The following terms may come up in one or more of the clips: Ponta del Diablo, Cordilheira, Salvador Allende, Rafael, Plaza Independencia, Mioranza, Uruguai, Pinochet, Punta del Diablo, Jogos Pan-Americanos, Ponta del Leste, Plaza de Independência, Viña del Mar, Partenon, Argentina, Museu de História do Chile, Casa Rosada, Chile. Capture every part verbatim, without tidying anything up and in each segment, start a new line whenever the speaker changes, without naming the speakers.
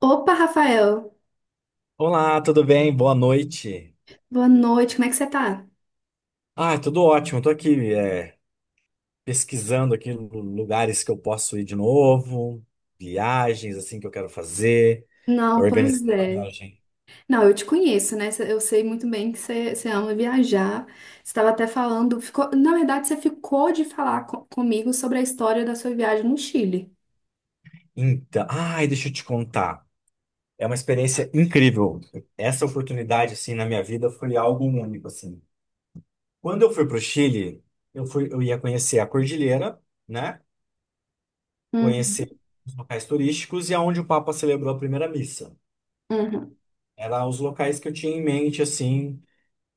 Opa, Rafael,
Olá, tudo bem? Boa noite.
boa noite, como é que você tá?
Ah, tudo ótimo. Estou aqui é, pesquisando aqui lu- lugares que eu posso ir de novo, viagens assim que eu quero fazer,
Não, pois
organizar a
é.
viagem.
Não, eu te conheço, né? Eu sei muito bem que você, você ama viajar. Você estava até falando, ficou, na verdade, você ficou de falar co- comigo sobre a história da sua viagem no Chile.
Então, ai, deixa eu te contar. É uma experiência incrível. Essa oportunidade assim na minha vida foi algo único assim. Quando eu fui para o Chile, eu fui, eu ia conhecer a cordilheira, né?
Uhum,
Conhecer os locais turísticos e aonde o Papa celebrou a primeira missa.
uhum.
Eram os locais que eu tinha em mente assim.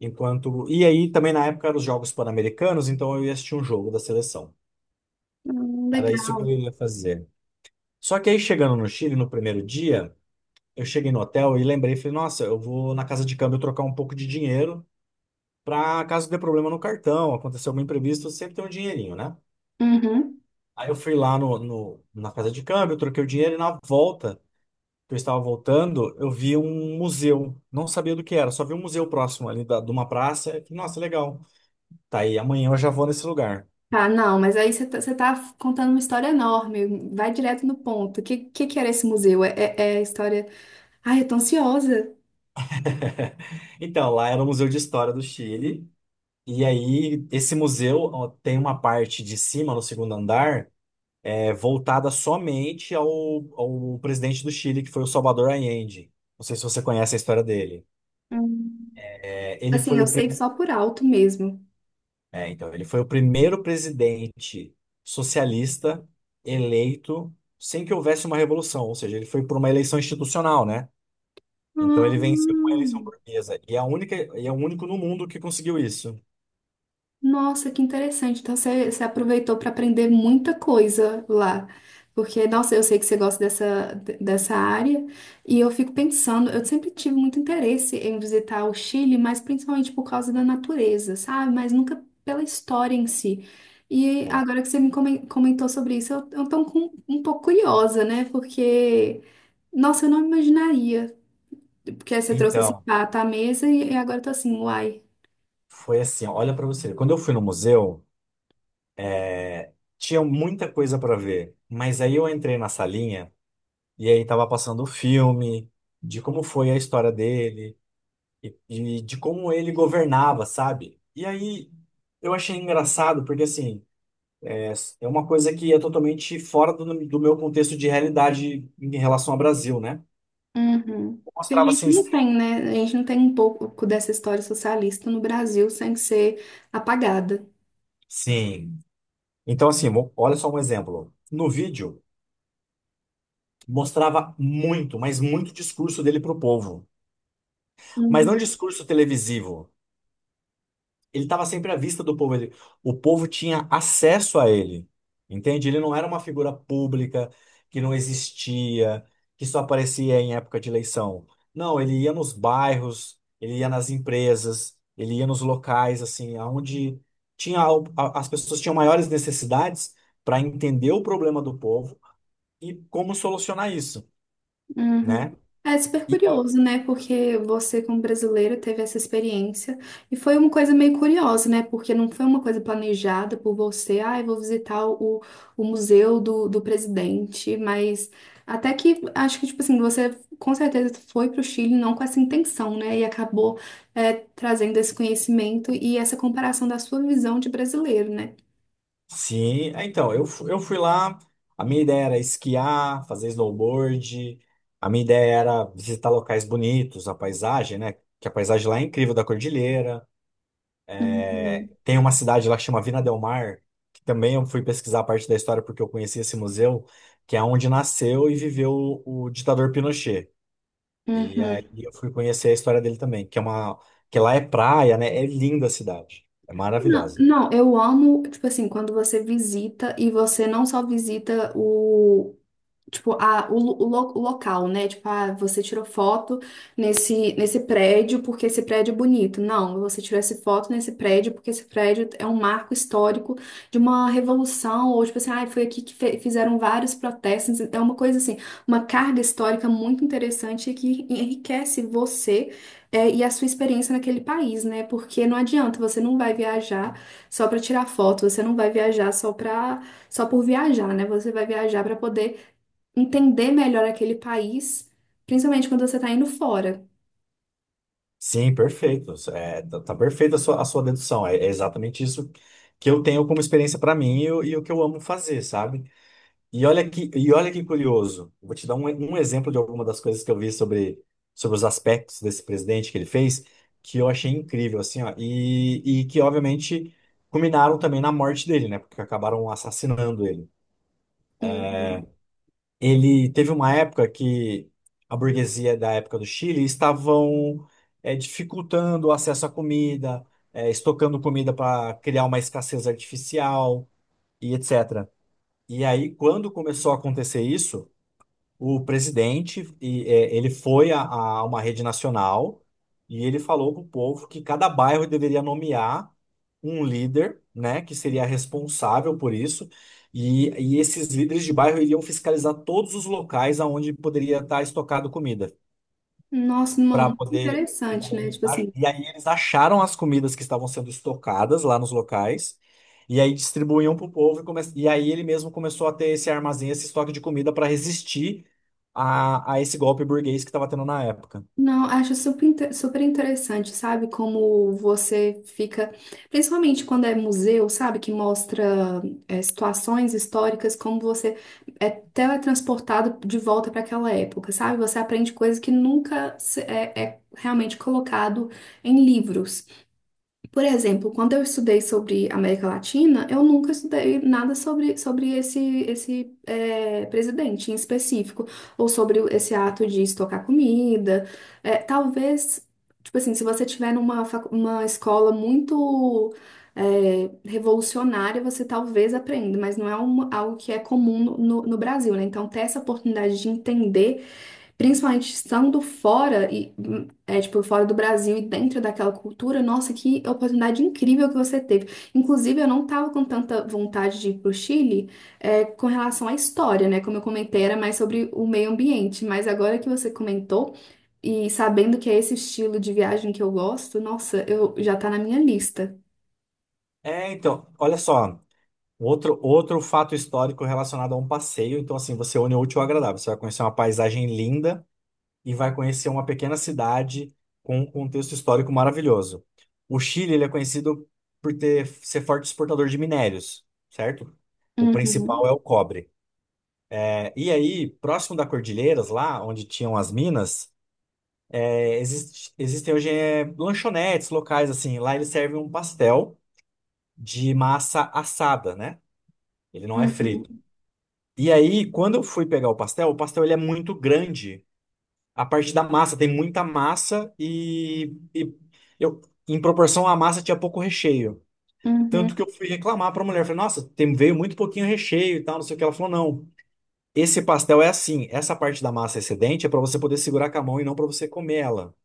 Enquanto. E aí também na época eram os Jogos Pan-Americanos, então eu ia assistir um jogo da seleção.
Hum,
Era isso que
legal.
eu ia fazer. Só que aí chegando no Chile no primeiro dia, eu cheguei no hotel e lembrei, falei, nossa, eu vou na casa de câmbio trocar um pouco de dinheiro para caso dê problema no cartão, acontecer algum imprevisto, sempre tem um dinheirinho, né?
Uhum.
Aí eu fui lá no, no- na casa de câmbio, troquei o dinheiro e na volta, que eu estava voltando, eu vi um museu. Não sabia do que era, só vi um museu próximo ali da, de uma praça. E falei, nossa, legal. Tá aí, amanhã eu já vou nesse lugar.
Tá, não, mas aí você tá, você tá contando uma história enorme. Vai direto no ponto. O que, que, que era esse museu? É, é, é a história. Ai, eu tô ansiosa.
Então, lá era o Museu de História do Chile. E aí, esse museu ó, tem uma parte de cima, no segundo andar, é, voltada somente ao, ao presidente do Chile, que foi o Salvador Allende. Não sei se você conhece a história dele.
Hum.
É, ele
Assim,
foi
eu
o,
sei
pri-
só por alto mesmo.
é, Então, ele foi o primeiro presidente socialista eleito sem que houvesse uma revolução, ou seja, ele foi por uma eleição institucional, né? Então ele venceu uma eleição
Hum.
burguesa. E é a única, e é o único no mundo que conseguiu isso.
Nossa, que interessante. Então você, você aproveitou para aprender muita coisa lá. Porque, nossa, eu sei que você gosta dessa, dessa área. E eu fico pensando, eu sempre tive muito interesse em visitar o Chile, mas principalmente por causa da natureza, sabe? Mas nunca pela história em si. E
É.
agora que você me comen- comentou sobre isso, eu, eu tô um com- um pouco curiosa, né? Porque, nossa, eu não imaginaria. Porque aí você trouxe esse
Então,
prato à mesa e, e agora eu tô assim, uai.
foi assim, ó, olha pra você. Quando eu fui no museu, é, tinha muita coisa pra ver, mas aí eu entrei na salinha e aí tava passando o filme de como foi a história dele e, e de como ele governava, sabe? E aí eu achei engraçado porque assim é, é uma coisa que é totalmente fora do, do meu contexto de realidade em relação ao Brasil, né?
Uhum. Porque a
Mostrava
gente
assim,
não tem, né? A gente não tem um pouco dessa história socialista no Brasil sem ser apagada.
sim. Então assim, mo- olha só um exemplo. No vídeo mostrava muito, mas muito discurso dele pro povo. Mas não discurso televisivo. Ele estava sempre à vista do povo. Ele, o povo tinha acesso a ele. Entende? Ele não era uma figura pública que não existia, que só aparecia em época de eleição. Não, ele ia nos bairros, ele ia nas empresas, ele ia nos locais, assim, aonde tinha, al- a- as pessoas tinham maiores necessidades para entender o problema do povo e como solucionar isso,
Uhum.
né?
É super curioso, né? Porque você, como brasileiro, teve essa experiência e foi uma coisa meio curiosa, né? Porque não foi uma coisa planejada por você, ah, eu vou visitar o, o museu do, do presidente, mas até que acho que, tipo assim, você com certeza foi para o Chile não com essa intenção, né? E acabou é, trazendo esse conhecimento e essa comparação da sua visão de brasileiro, né?
Sim, é, então, eu, fu- eu fui lá, a minha ideia era esquiar, fazer snowboard, a minha ideia era visitar locais bonitos, a paisagem, né? Que a paisagem lá é incrível da cordilheira. é,
Uhum.
Tem uma cidade lá que chama Vina del Mar, que também eu fui pesquisar a parte da história porque eu conheci esse museu, que é onde nasceu e viveu o ditador Pinochet. E
Uhum.
aí eu fui conhecer a história dele também, que é uma, que lá é praia, né? É linda a cidade, é
Não,
maravilhosa.
não, eu amo, tipo assim, quando você visita e você não só visita o. Tipo, a, o, lo- o lo- o local, né? Tipo, ah, você tirou foto nesse, nesse prédio porque esse prédio é bonito. Não, você tirou essa foto nesse prédio porque esse prédio é um marco histórico de uma revolução, ou tipo assim, ah, foi aqui que fe- fizeram vários protestos. É uma coisa assim, uma carga histórica muito interessante que enriquece você, é, e a sua experiência naquele país, né? Porque não adianta, você não vai viajar só para tirar foto, você não vai viajar só para só por viajar, né? Você vai viajar para poder entender melhor aquele país, principalmente quando você está indo fora.
Sim, perfeito. É, tá, tá perfeita a sua, a sua dedução. É, é exatamente isso que eu tenho como experiência para mim e, o e o que eu amo fazer, sabe? E olha que, e olha que curioso. Vou te dar um, um exemplo de alguma das coisas que eu vi sobre, sobre os aspectos desse presidente que ele fez, que eu achei incrível, assim, ó. E, e que, obviamente, culminaram também na morte dele, né? Porque acabaram assassinando ele.
Uhum.
Ele teve uma época que a burguesia da época do Chile estavam é, dificultando o acesso à comida, é, estocando comida para criar uma escassez artificial e et cetera. E aí, quando começou a acontecer isso, o presidente e, é, ele foi a, a uma rede nacional e ele falou para o povo que cada bairro deveria nomear um líder, né, que seria responsável por isso. E, e esses líderes de bairro iriam fiscalizar todos os locais aonde poderia estar estocado comida
Nossa, não,
para
muito
poder. E
interessante, né?
aí,
Tipo
a-
assim,
e aí eles acharam as comidas que estavam sendo estocadas lá nos locais, e aí distribuíam para o povo, e, come... e aí ele mesmo começou a ter esse armazém, esse estoque de comida para resistir a, a esse golpe burguês que estava tendo na época.
não, acho super, inte- super interessante, sabe? Como você fica, principalmente quando é museu, sabe? Que mostra é, situações históricas, como você é teletransportado de volta para aquela época, sabe? Você aprende coisas que nunca se- é, é realmente colocado em livros. Por exemplo, quando eu estudei sobre América Latina, eu nunca estudei nada sobre, sobre esse, esse eh, presidente em específico, ou sobre o- esse ato de estocar comida. Eh, talvez, tipo assim, se você tiver numa facu- uma escola muito eh, revolucionária, você talvez aprenda, mas não é uma- algo que é comum no, no no Brasil, né? Então, ter essa oportunidade de entender. Principalmente estando fora e hum, é tipo fora do Brasil e dentro daquela cultura, nossa, que oportunidade incrível que você teve. Inclusive, eu não tava com tanta vontade de ir pro Chile, é, com relação à história, né? Como eu comentei, era mais sobre o meio ambiente, mas agora que você comentou e sabendo que é esse estilo de viagem que eu gosto, nossa, eu já tá na minha lista.
É, então, olha só, outro, outro fato histórico relacionado a um passeio, então assim, você une o útil ao agradável, você vai conhecer uma paisagem linda, e vai conhecer uma pequena cidade com um contexto histórico maravilhoso. O Chile, ele é conhecido por ter, ser forte exportador de minérios, certo? O principal é
Uhum,
o cobre. É, e aí, próximo da Cordilheiras, lá onde tinham as minas, é, existe- existem hoje é, lanchonetes locais, assim. Lá eles servem um pastel de massa assada, né? Ele não é frito.
uhum,
E aí, quando eu fui pegar o pastel, o pastel ele é muito grande. A parte da massa, tem muita massa e, e eu, em proporção à massa tinha pouco recheio. Tanto
uhum,
que eu fui reclamar para a mulher, falei, nossa, tem, veio muito pouquinho recheio e tal, não sei o que. Ela falou, não, esse pastel é assim, essa parte da massa excedente é para você poder segurar com a mão e não para você comer ela.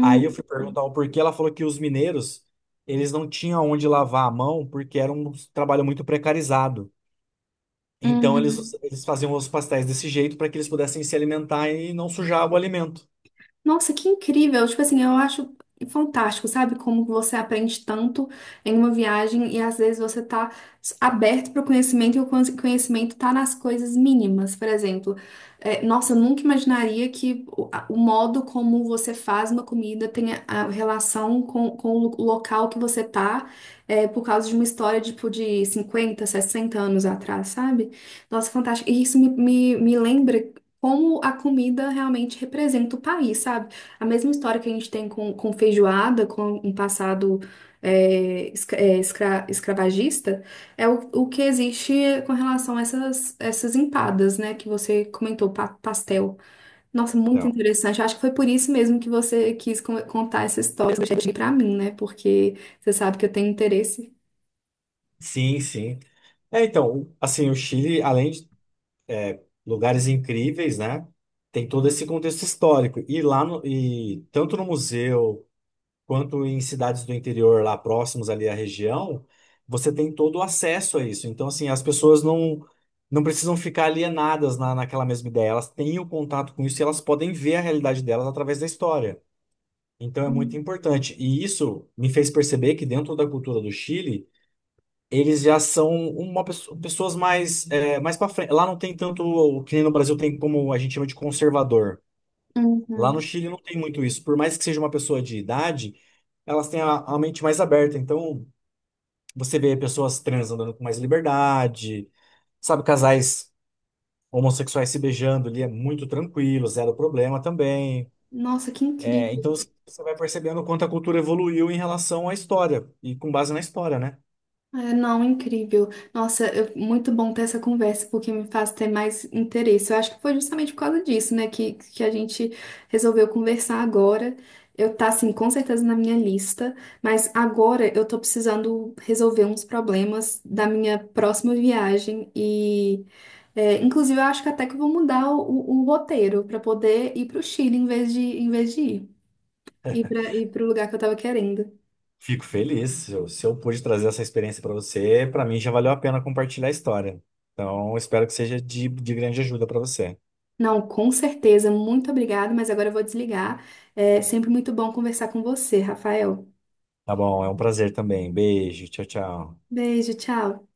Aí eu fui perguntar o porquê, ela falou que os mineiros, eles não tinham onde lavar a mão porque era um trabalho muito precarizado. Então eles,
uhum.
eles faziam os pastéis desse jeito para que eles pudessem se alimentar e não sujar o alimento.
Nossa, que incrível! Tipo assim, eu acho fantástico, sabe? Como você aprende tanto em uma viagem e às vezes você tá aberto para o conhecimento e o conhe- conhecimento tá nas coisas mínimas. Por exemplo, é, nossa, eu nunca imaginaria que o, a- o modo como você faz uma comida tenha a relação com, com o lo- local que você tá, é, por causa de uma história tipo de cinquenta sessenta anos atrás, sabe? Nossa, fantástico. E isso me, me, me lembra como a comida realmente representa o país, sabe? A mesma história que a gente tem com, com feijoada, com um passado é, escra- é, escra- escravagista, é o, o que existe com relação a essas, essas empadas, né? Que você comentou, pa- pastel. Nossa, muito interessante. Eu acho que foi por isso mesmo que você quis con- contar essa história para mim, né? Porque você sabe que eu tenho interesse.
Sim, sim. É, então, assim, o Chile, além de lugares incríveis, né, tem todo esse contexto histórico. E lá no, e tanto no museu quanto em cidades do interior lá próximos ali à região, você tem todo o acesso a isso. Então, assim, as pessoas não não precisam ficar alienadas na, naquela mesma ideia. Elas têm o contato com isso e elas podem ver a realidade delas através da história. Então, é muito importante. E isso me fez perceber que dentro da cultura do Chile eles já são uma pesso- pessoas mais é, mais para frente. Lá não tem tanto o que nem no Brasil tem como a gente chama de conservador. Lá no
Uhum.
Chile não tem muito isso. Por mais que seja uma pessoa de idade, elas têm a, a mente mais aberta. Então você vê pessoas trans andando com mais liberdade, sabe, casais homossexuais se beijando ali é muito tranquilo, zero problema também.
Nossa, que
É, então
incrível.
você vai percebendo o quanto a cultura evoluiu em relação à história e com base na história, né?
É, não, incrível. Nossa, eu- muito bom ter essa conversa, porque me faz ter mais interesse. Eu acho que foi justamente por causa disso, né, que, que a gente resolveu conversar agora. Eu tá, assim, com certeza na minha lista, mas agora eu tô precisando resolver uns problemas da minha próxima viagem e, é, inclusive, eu acho que até que eu vou mudar o, o roteiro para poder ir pro Chile em vez de, em vez de ir, ir para ir pro lugar que eu tava querendo.
Fico feliz. Se eu, se eu pude trazer essa experiência para você, para mim já valeu a pena compartilhar a história. Então, espero que seja de, de grande ajuda para você.
Não, com certeza. Muito obrigada, mas agora eu vou desligar. É sempre muito bom conversar com você, Rafael.
Tá bom, é um prazer também. Beijo, tchau, tchau.
Beijo, tchau.